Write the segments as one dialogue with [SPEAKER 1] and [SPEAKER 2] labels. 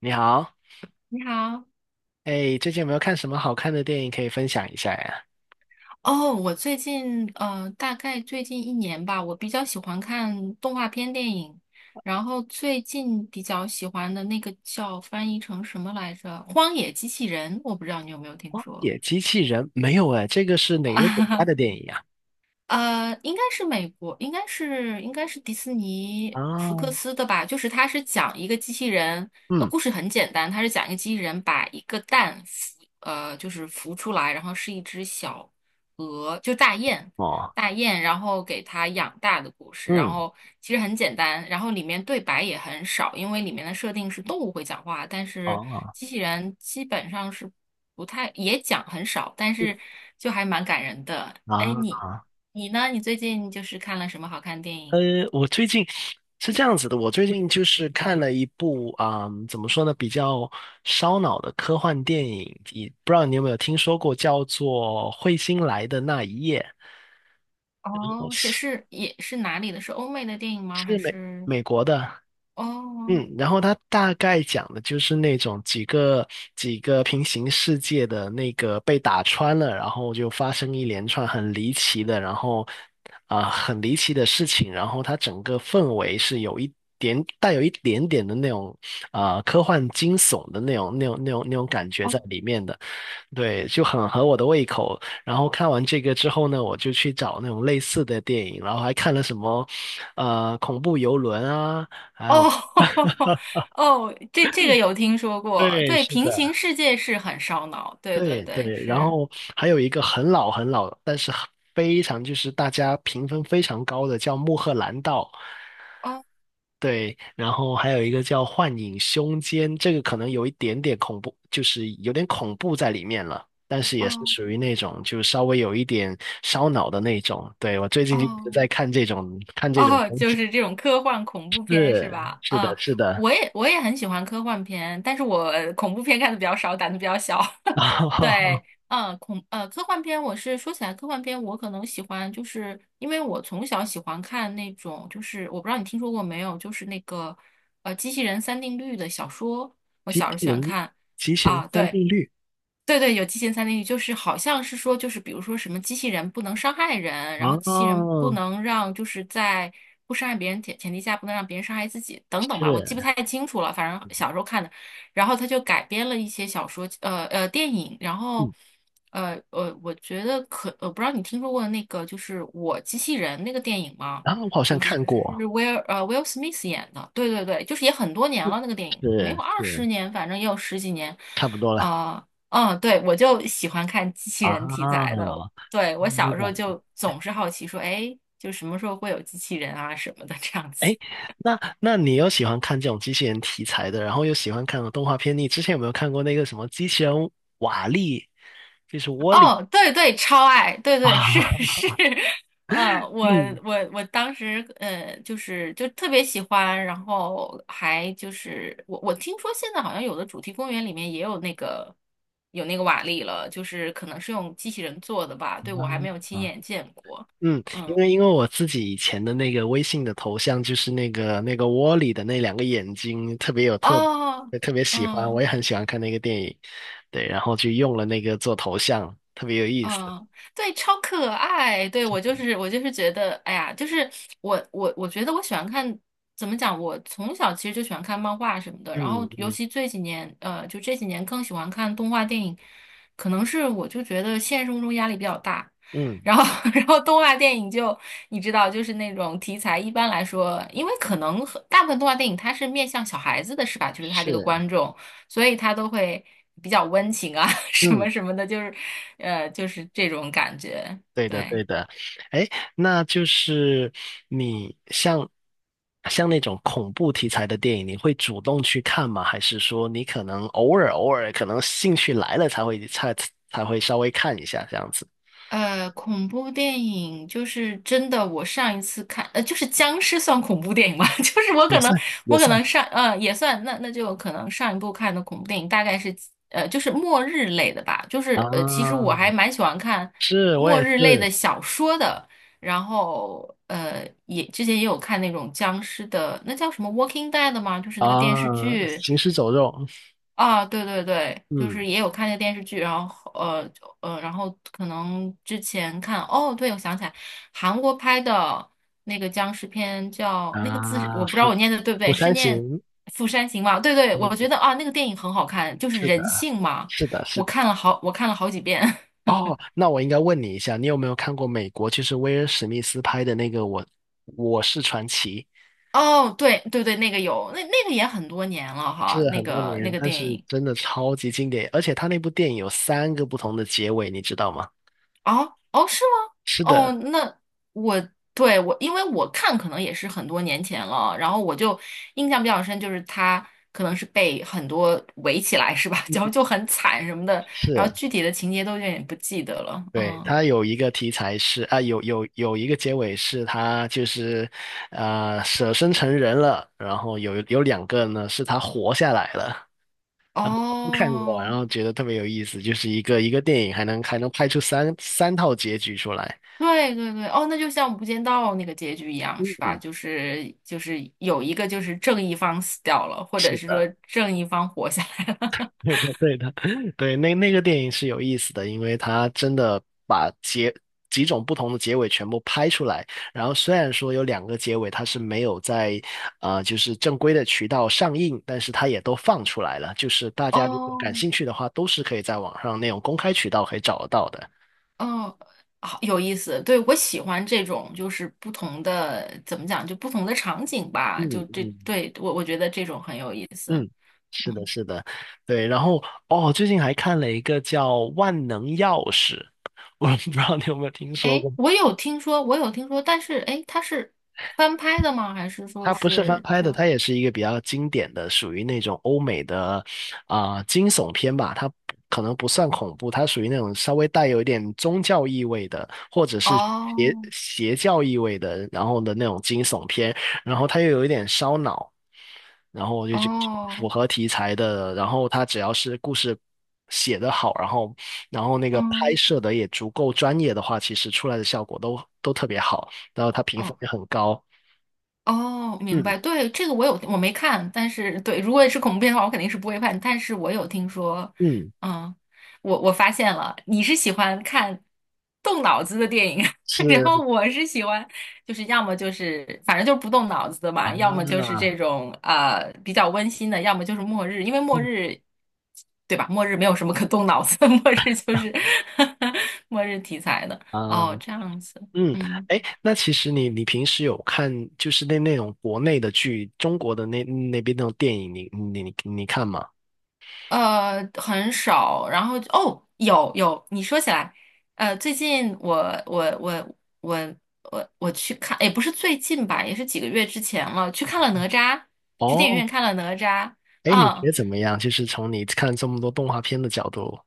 [SPEAKER 1] 你好。
[SPEAKER 2] 你好。
[SPEAKER 1] 哎，最近有没有看什么好看的电影可以分享一下呀？
[SPEAKER 2] 哦，我最近大概最近一年吧，我比较喜欢看动画片电影，然后最近比较喜欢的那个叫翻译成什么来着，《荒野机器人》，我不知道你有没有听
[SPEAKER 1] 《荒
[SPEAKER 2] 说。
[SPEAKER 1] 野机器人》没有哎，这个是哪个国家的 电影呀？
[SPEAKER 2] 应该是美国，应该是迪士尼福克
[SPEAKER 1] 啊。
[SPEAKER 2] 斯的吧？就是它是讲一个机器人，
[SPEAKER 1] 嗯。
[SPEAKER 2] 故事很简单，它是讲一个机器人把一个蛋孵，就是孵出来，然后是一只小鹅，就大雁，
[SPEAKER 1] 哦。
[SPEAKER 2] 大雁，然后给它养大的故事。然
[SPEAKER 1] 嗯。
[SPEAKER 2] 后其实很简单，然后里面对白也很少，因为里面的设定是动物会讲话，但是
[SPEAKER 1] 哦。
[SPEAKER 2] 机器人基本上是不太，也讲很少，但
[SPEAKER 1] 嗯
[SPEAKER 2] 是就还蛮感人的。哎，
[SPEAKER 1] 啊，
[SPEAKER 2] 你呢？你最近就是看了什么好看的电
[SPEAKER 1] 呃，
[SPEAKER 2] 影？
[SPEAKER 1] 我最近是这样子的，我最近就是看了一部怎么说呢，比较烧脑的科幻电影，你不知道你有没有听说过，叫做《彗星来的那一夜》，
[SPEAKER 2] 哦，是
[SPEAKER 1] 是
[SPEAKER 2] 是也是哪里的？是欧美的电影吗？
[SPEAKER 1] 是
[SPEAKER 2] 还
[SPEAKER 1] 美
[SPEAKER 2] 是
[SPEAKER 1] 美国的。
[SPEAKER 2] 哦
[SPEAKER 1] 嗯，然后它大概讲的就是那种几个平行世界的那个被打穿了，然后就发生一连串很离奇的，然后很离奇的事情，然后它整个氛围是有一点带有一点点的那种科幻惊悚的那种感觉
[SPEAKER 2] 哦
[SPEAKER 1] 在里面的。对，就很合我的胃口。然后看完这个之后呢，我就去找那种类似的电影，然后还看了什么恐怖游轮啊。
[SPEAKER 2] 哦。 哦，这个有听说过。
[SPEAKER 1] 对，
[SPEAKER 2] 对，
[SPEAKER 1] 是
[SPEAKER 2] 平行
[SPEAKER 1] 的。
[SPEAKER 2] 世界是很烧脑。对对
[SPEAKER 1] 对
[SPEAKER 2] 对，
[SPEAKER 1] 对，然
[SPEAKER 2] 是。
[SPEAKER 1] 后还有一个很老，但是非常就是大家评分非常高的叫《穆赫兰道》。
[SPEAKER 2] 哦
[SPEAKER 1] 对，然后还有一个叫《幻影凶间》，这个可能有一点点恐怖，就是有点恐怖在里面了，但是
[SPEAKER 2] 哦
[SPEAKER 1] 也是属于那种就稍微有一点烧脑的那种。对，我最近一直
[SPEAKER 2] 哦
[SPEAKER 1] 在看这种
[SPEAKER 2] 哦，
[SPEAKER 1] 东
[SPEAKER 2] 就
[SPEAKER 1] 西。
[SPEAKER 2] 是这种科幻恐怖片是
[SPEAKER 1] 是
[SPEAKER 2] 吧？
[SPEAKER 1] 是的
[SPEAKER 2] 啊，
[SPEAKER 1] 是的，
[SPEAKER 2] 我也很喜欢科幻片，但是我恐怖片看的比较少，胆子比较小。
[SPEAKER 1] 啊，
[SPEAKER 2] 对，嗯，科幻片，我是说起来科幻片，我可能喜欢，就是因为我从小喜欢看那种，就是我不知道你听说过没有，就是那个机器人三定律的小说，我
[SPEAKER 1] 冰淇
[SPEAKER 2] 小时候喜欢
[SPEAKER 1] 淋
[SPEAKER 2] 看。
[SPEAKER 1] 极限
[SPEAKER 2] 啊，
[SPEAKER 1] 三
[SPEAKER 2] 对，
[SPEAKER 1] 定律。
[SPEAKER 2] 对对，有极限三定律，就是好像是说，就是比如说什么机器人不能伤害人，然后机器人不
[SPEAKER 1] 哦，
[SPEAKER 2] 能让就是在不伤害别人前提下，不能让别人伤害自己等等吧，我记不太
[SPEAKER 1] 是。
[SPEAKER 2] 清楚了，反正小时候看的。然后他就改编了一些小说，电影，然后
[SPEAKER 1] 嗯。
[SPEAKER 2] 我觉得不知道你听说过那个就是《我机器人》那个电影吗？
[SPEAKER 1] 啊，我好像
[SPEAKER 2] 就是
[SPEAKER 1] 看过。
[SPEAKER 2] Will Smith 演的，对对对，就是也很多年
[SPEAKER 1] 嗯，
[SPEAKER 2] 了那个电影，没有
[SPEAKER 1] 是
[SPEAKER 2] 二
[SPEAKER 1] 是，
[SPEAKER 2] 十年，反正也有十几年。
[SPEAKER 1] 差不多了
[SPEAKER 2] 啊、呃嗯，对，我就喜欢看机器人题材
[SPEAKER 1] 啊。
[SPEAKER 2] 的。对，我
[SPEAKER 1] 明
[SPEAKER 2] 小时候
[SPEAKER 1] 白。
[SPEAKER 2] 就总是好奇说，哎，就什么时候会有机器人啊什么的这样
[SPEAKER 1] 哎，
[SPEAKER 2] 子。
[SPEAKER 1] 那那你又喜欢看这种机器人题材的，然后又喜欢看动画片，你之前有没有看过那个什么机器人瓦力，就是 Wall-E？
[SPEAKER 2] 哦，对对，超爱，对对是
[SPEAKER 1] 啊？
[SPEAKER 2] 是。嗯，我
[SPEAKER 1] 嗯。
[SPEAKER 2] 我我当时就是就特别喜欢，然后还就是我听说现在好像有的主题公园里面也有那个瓦力了，就是可能是用机器人做的吧，对，我还没有亲
[SPEAKER 1] 啊。
[SPEAKER 2] 眼见过。
[SPEAKER 1] 嗯，因
[SPEAKER 2] 嗯，
[SPEAKER 1] 为因为我自己以前的那个微信的头像就是那个窝里的那两个眼睛特别有特，
[SPEAKER 2] 哦，
[SPEAKER 1] 特别喜欢，我
[SPEAKER 2] 嗯。
[SPEAKER 1] 也很喜欢看那个电影。对，然后就用了那个做头像，特别有意思。
[SPEAKER 2] 嗯，对，超可爱。对，我就是觉得，哎呀，就是我觉得我喜欢看。怎么讲？我从小其实就喜欢看漫画什么的，
[SPEAKER 1] 嗯。
[SPEAKER 2] 然后尤
[SPEAKER 1] 嗯。
[SPEAKER 2] 其这几年，就这几年更喜欢看动画电影，可能是我就觉得现实生活中压力比较大，
[SPEAKER 1] 嗯。
[SPEAKER 2] 然后 然后动画电影就你知道，就是那种题材一般来说，因为可能很大部分动画电影它是面向小孩子的，是吧？就是它这个
[SPEAKER 1] 是。
[SPEAKER 2] 观众。所以他都会比较温情啊，什么
[SPEAKER 1] 嗯。
[SPEAKER 2] 什么的，就是，就是这种感觉。
[SPEAKER 1] 对的
[SPEAKER 2] 对。
[SPEAKER 1] 对的。哎，那就是你像像那种恐怖题材的电影，你会主动去看吗？还是说你可能偶尔可能兴趣来了才会稍微看一下这样子？
[SPEAKER 2] 恐怖电影就是真的。我上一次看，就是僵尸算恐怖电影吗？就是我
[SPEAKER 1] 也
[SPEAKER 2] 可能，
[SPEAKER 1] 算也
[SPEAKER 2] 我可
[SPEAKER 1] 算。
[SPEAKER 2] 能上，呃，也算。那就可能上一部看的恐怖电影大概是，就是末日类的吧。其实
[SPEAKER 1] 啊，
[SPEAKER 2] 我还蛮喜欢看
[SPEAKER 1] 是我
[SPEAKER 2] 末
[SPEAKER 1] 也
[SPEAKER 2] 日类
[SPEAKER 1] 是。
[SPEAKER 2] 的小说的。然后也之前也有看那种僵尸的，那叫什么《Walking Dead》吗？就是那个电视
[SPEAKER 1] 啊，
[SPEAKER 2] 剧。
[SPEAKER 1] 行尸走肉。
[SPEAKER 2] 啊，对对对，就
[SPEAKER 1] 嗯。
[SPEAKER 2] 是也有看那个电视剧，然后呃就呃，然后可能之前看，哦，对，我想起来，韩国拍的那个僵尸片叫那个字是
[SPEAKER 1] 啊，
[SPEAKER 2] 我不知道
[SPEAKER 1] 釜
[SPEAKER 2] 我念的对不
[SPEAKER 1] 釜
[SPEAKER 2] 对，是
[SPEAKER 1] 山
[SPEAKER 2] 念
[SPEAKER 1] 行，
[SPEAKER 2] 《釜山行》吗？对对，我觉
[SPEAKER 1] 嗯，
[SPEAKER 2] 得啊，那个电影很好看，就是
[SPEAKER 1] 是的，
[SPEAKER 2] 人性嘛，
[SPEAKER 1] 是的，是的。
[SPEAKER 2] 我看了好几遍。
[SPEAKER 1] 哦，那我应该问你一下，你有没有看过美国就是威尔史密斯拍的那个我是传奇？
[SPEAKER 2] 哦，对对对，那个有，那那个也很多年了哈，
[SPEAKER 1] 是
[SPEAKER 2] 那
[SPEAKER 1] 很多
[SPEAKER 2] 个那
[SPEAKER 1] 年，
[SPEAKER 2] 个
[SPEAKER 1] 但
[SPEAKER 2] 电
[SPEAKER 1] 是
[SPEAKER 2] 影。
[SPEAKER 1] 真的超级经典，而且他那部电影有三个不同的结尾，你知道吗？
[SPEAKER 2] 哦哦，是吗？
[SPEAKER 1] 是
[SPEAKER 2] 哦，
[SPEAKER 1] 的。
[SPEAKER 2] 我对我，因为我看可能也是很多年前了，然后我就印象比较深，就是他可能是被很多围起来是吧？然后就很惨什么的，然后
[SPEAKER 1] 是。
[SPEAKER 2] 具体的情节都有点不记得了。
[SPEAKER 1] 对，
[SPEAKER 2] 嗯，
[SPEAKER 1] 它有一个题材是有有一个结尾是他就是舍身成人了，然后有两个呢是他活下来了，都看过，然
[SPEAKER 2] 哦，
[SPEAKER 1] 后觉得特别有意思，就是一个电影还能拍出三套结局出来。
[SPEAKER 2] 对对对，哦，那就像《无间道》那个结局一样是吧？
[SPEAKER 1] 嗯，
[SPEAKER 2] 就是有一个就是正义方死掉了，或者
[SPEAKER 1] 是
[SPEAKER 2] 是说
[SPEAKER 1] 的。
[SPEAKER 2] 正义方活下来了。
[SPEAKER 1] 对的，对的。对，那那个电影是有意思的，因为它真的把结几种不同的结尾全部拍出来。然后虽然说有两个结尾它是没有在就是正规的渠道上映，但是它也都放出来了。就是大 家如果感
[SPEAKER 2] 哦。
[SPEAKER 1] 兴趣的话，都是可以在网上那种公开渠道可以找得到的。
[SPEAKER 2] 嗯，好有意思。对，我喜欢这种，就是不同的，怎么讲，就不同的场景吧。
[SPEAKER 1] 嗯。
[SPEAKER 2] 就这，
[SPEAKER 1] 嗯。
[SPEAKER 2] 对，我觉得这种很有意思。
[SPEAKER 1] 嗯。是的，
[SPEAKER 2] 嗯，
[SPEAKER 1] 是的，对。然后哦，最近还看了一个叫《万能钥匙》，我不知道你有没有听说
[SPEAKER 2] 哎，
[SPEAKER 1] 过。
[SPEAKER 2] 我有听说，我有听说，但是哎，诶它是翻拍的吗？还是说
[SPEAKER 1] 它不是翻
[SPEAKER 2] 是
[SPEAKER 1] 拍的，
[SPEAKER 2] 就
[SPEAKER 1] 它也是一个比较经典的，属于那种欧美的惊悚片吧。它可能不算恐怖，它属于那种稍微带有一点宗教意味的，或者是邪
[SPEAKER 2] 哦
[SPEAKER 1] 邪教意味的，然后的那种惊悚片。然后它又有一点烧脑，然后我就觉得符
[SPEAKER 2] 哦。
[SPEAKER 1] 合题材的。然后它只要是故事写得好，然后然后那个拍
[SPEAKER 2] 嗯，
[SPEAKER 1] 摄的也足够专业的话，其实出来的效果都特别好，然后它评分
[SPEAKER 2] 哦
[SPEAKER 1] 也很高。
[SPEAKER 2] 哦，明
[SPEAKER 1] 嗯。
[SPEAKER 2] 白。对，这个我有，我没看，但是对，如果是恐怖片的话，我肯定是不会看。但是我有听说。
[SPEAKER 1] 嗯。
[SPEAKER 2] 嗯，我发现了，你是喜欢看动脑子的电影，然后
[SPEAKER 1] 是。
[SPEAKER 2] 我是喜欢，就是要么就是反正就是不动脑子的嘛，要么就是
[SPEAKER 1] 啊。
[SPEAKER 2] 这种比较温馨的，要么就是末日，因为末
[SPEAKER 1] 嗯。
[SPEAKER 2] 日，对吧？末日没有什么可动脑子的，末日就是 末日题材的。
[SPEAKER 1] 啊。
[SPEAKER 2] 哦，这样子。
[SPEAKER 1] 嗯。
[SPEAKER 2] 嗯。
[SPEAKER 1] 哎，那其实你你平时有看就是那那种国内的剧，中国的那那边那种电影，你看吗？
[SPEAKER 2] 很少。然后哦，有有，你说起来，最近我我我我去看，也不是最近吧，也是几个月之前了，去看了哪吒，去电影
[SPEAKER 1] 哦。
[SPEAKER 2] 院看了哪吒。
[SPEAKER 1] 哎，你觉
[SPEAKER 2] 啊。
[SPEAKER 1] 得怎么样？就是从你看这么多动画片的角度。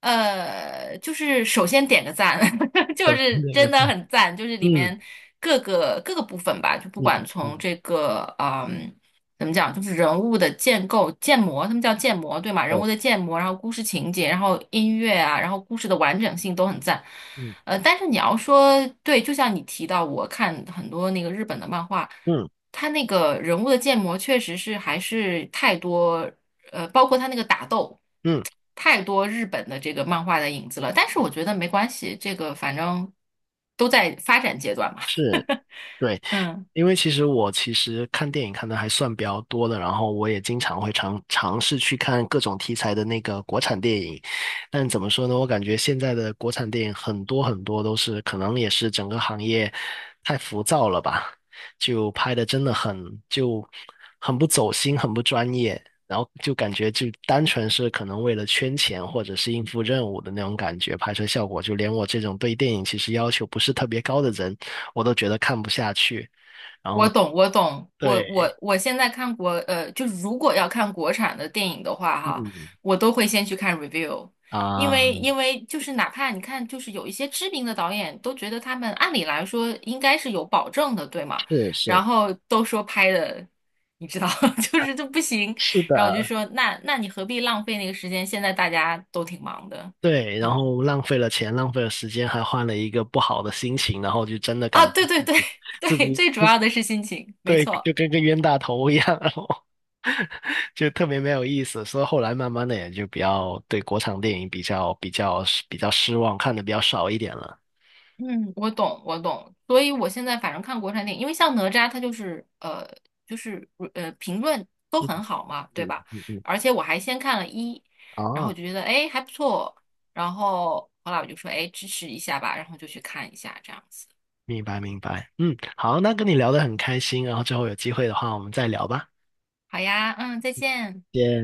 [SPEAKER 2] 就是首先点个赞，就
[SPEAKER 1] 都
[SPEAKER 2] 是
[SPEAKER 1] 那
[SPEAKER 2] 真
[SPEAKER 1] 个。
[SPEAKER 2] 的很赞，就是里
[SPEAKER 1] 嗯。
[SPEAKER 2] 面各个部分吧，就不
[SPEAKER 1] 嗯。
[SPEAKER 2] 管从
[SPEAKER 1] 嗯。
[SPEAKER 2] 这个怎么讲，就是人物的建构、建模，他们叫建模，对吗？人物
[SPEAKER 1] 对。
[SPEAKER 2] 的建模，然后故事情节，然后音乐啊，然后故事的完整性都很赞。
[SPEAKER 1] 嗯。
[SPEAKER 2] 但是你要说对，就像你提到，我看很多那个日本的漫画，
[SPEAKER 1] 嗯。
[SPEAKER 2] 它那个人物的建模确实是还是太多。包括他那个打斗，
[SPEAKER 1] 嗯。
[SPEAKER 2] 太多日本的这个漫画的影子了。但是我觉得没关系，这个反正都在发展阶段嘛。
[SPEAKER 1] 是。对。
[SPEAKER 2] 嗯。
[SPEAKER 1] 因为其实我其实看电影看的还算比较多的，然后我也经常会尝试去看各种题材的那个国产电影，但怎么说呢，我感觉现在的国产电影很多都是可能也是整个行业太浮躁了吧，就拍的真的很不走心，很不专业，然后就感觉就单纯是可能为了圈钱或者是应付任务的那种感觉，拍摄效果就连我这种对电影其实要求不是特别高的人，我都觉得看不下去。然
[SPEAKER 2] 我
[SPEAKER 1] 后
[SPEAKER 2] 懂，我懂，我
[SPEAKER 1] 对。
[SPEAKER 2] 我我现在就如果要看国产的电影的话，哈，
[SPEAKER 1] 嗯。
[SPEAKER 2] 我都会先去看 review，因
[SPEAKER 1] 啊，
[SPEAKER 2] 为因为就是哪怕你看，就是有一些知名的导演都觉得他们按理来说应该是有保证的，对吗？
[SPEAKER 1] 是
[SPEAKER 2] 然
[SPEAKER 1] 是
[SPEAKER 2] 后都说拍的，你知道，就是这不行，
[SPEAKER 1] 是
[SPEAKER 2] 然后我就
[SPEAKER 1] 的，
[SPEAKER 2] 说，那你何必浪费那个时间？现在大家都挺忙的。
[SPEAKER 1] 对，然
[SPEAKER 2] 嗯，
[SPEAKER 1] 后浪费了钱，浪费了时间，还换了一个不好的心情，然后就真的
[SPEAKER 2] 啊，
[SPEAKER 1] 感觉
[SPEAKER 2] 对对
[SPEAKER 1] 自
[SPEAKER 2] 对。
[SPEAKER 1] 己 自
[SPEAKER 2] 对，
[SPEAKER 1] 己
[SPEAKER 2] 最主要的是心情，没
[SPEAKER 1] 对，
[SPEAKER 2] 错。
[SPEAKER 1] 就跟个冤大头一样，然后就特别没有意思。所以后来慢慢的也就比较对国产电影比较失望，看的比较少一点了。
[SPEAKER 2] 嗯，我懂，我懂。所以我现在反正看国产电影，因为像哪吒，它就是,评论都
[SPEAKER 1] 嗯。
[SPEAKER 2] 很好嘛，对
[SPEAKER 1] 嗯。
[SPEAKER 2] 吧？
[SPEAKER 1] 嗯。嗯。
[SPEAKER 2] 而且我还先看了一，然后
[SPEAKER 1] 哦，
[SPEAKER 2] 我就觉得哎还不错，然后后来我就说哎支持一下吧，然后就去看一下这样子。
[SPEAKER 1] 明白明白。嗯，好，那跟你聊的很开心，然后之后有机会的话我们再聊吧，
[SPEAKER 2] 好呀，嗯，再见。
[SPEAKER 1] 谢谢。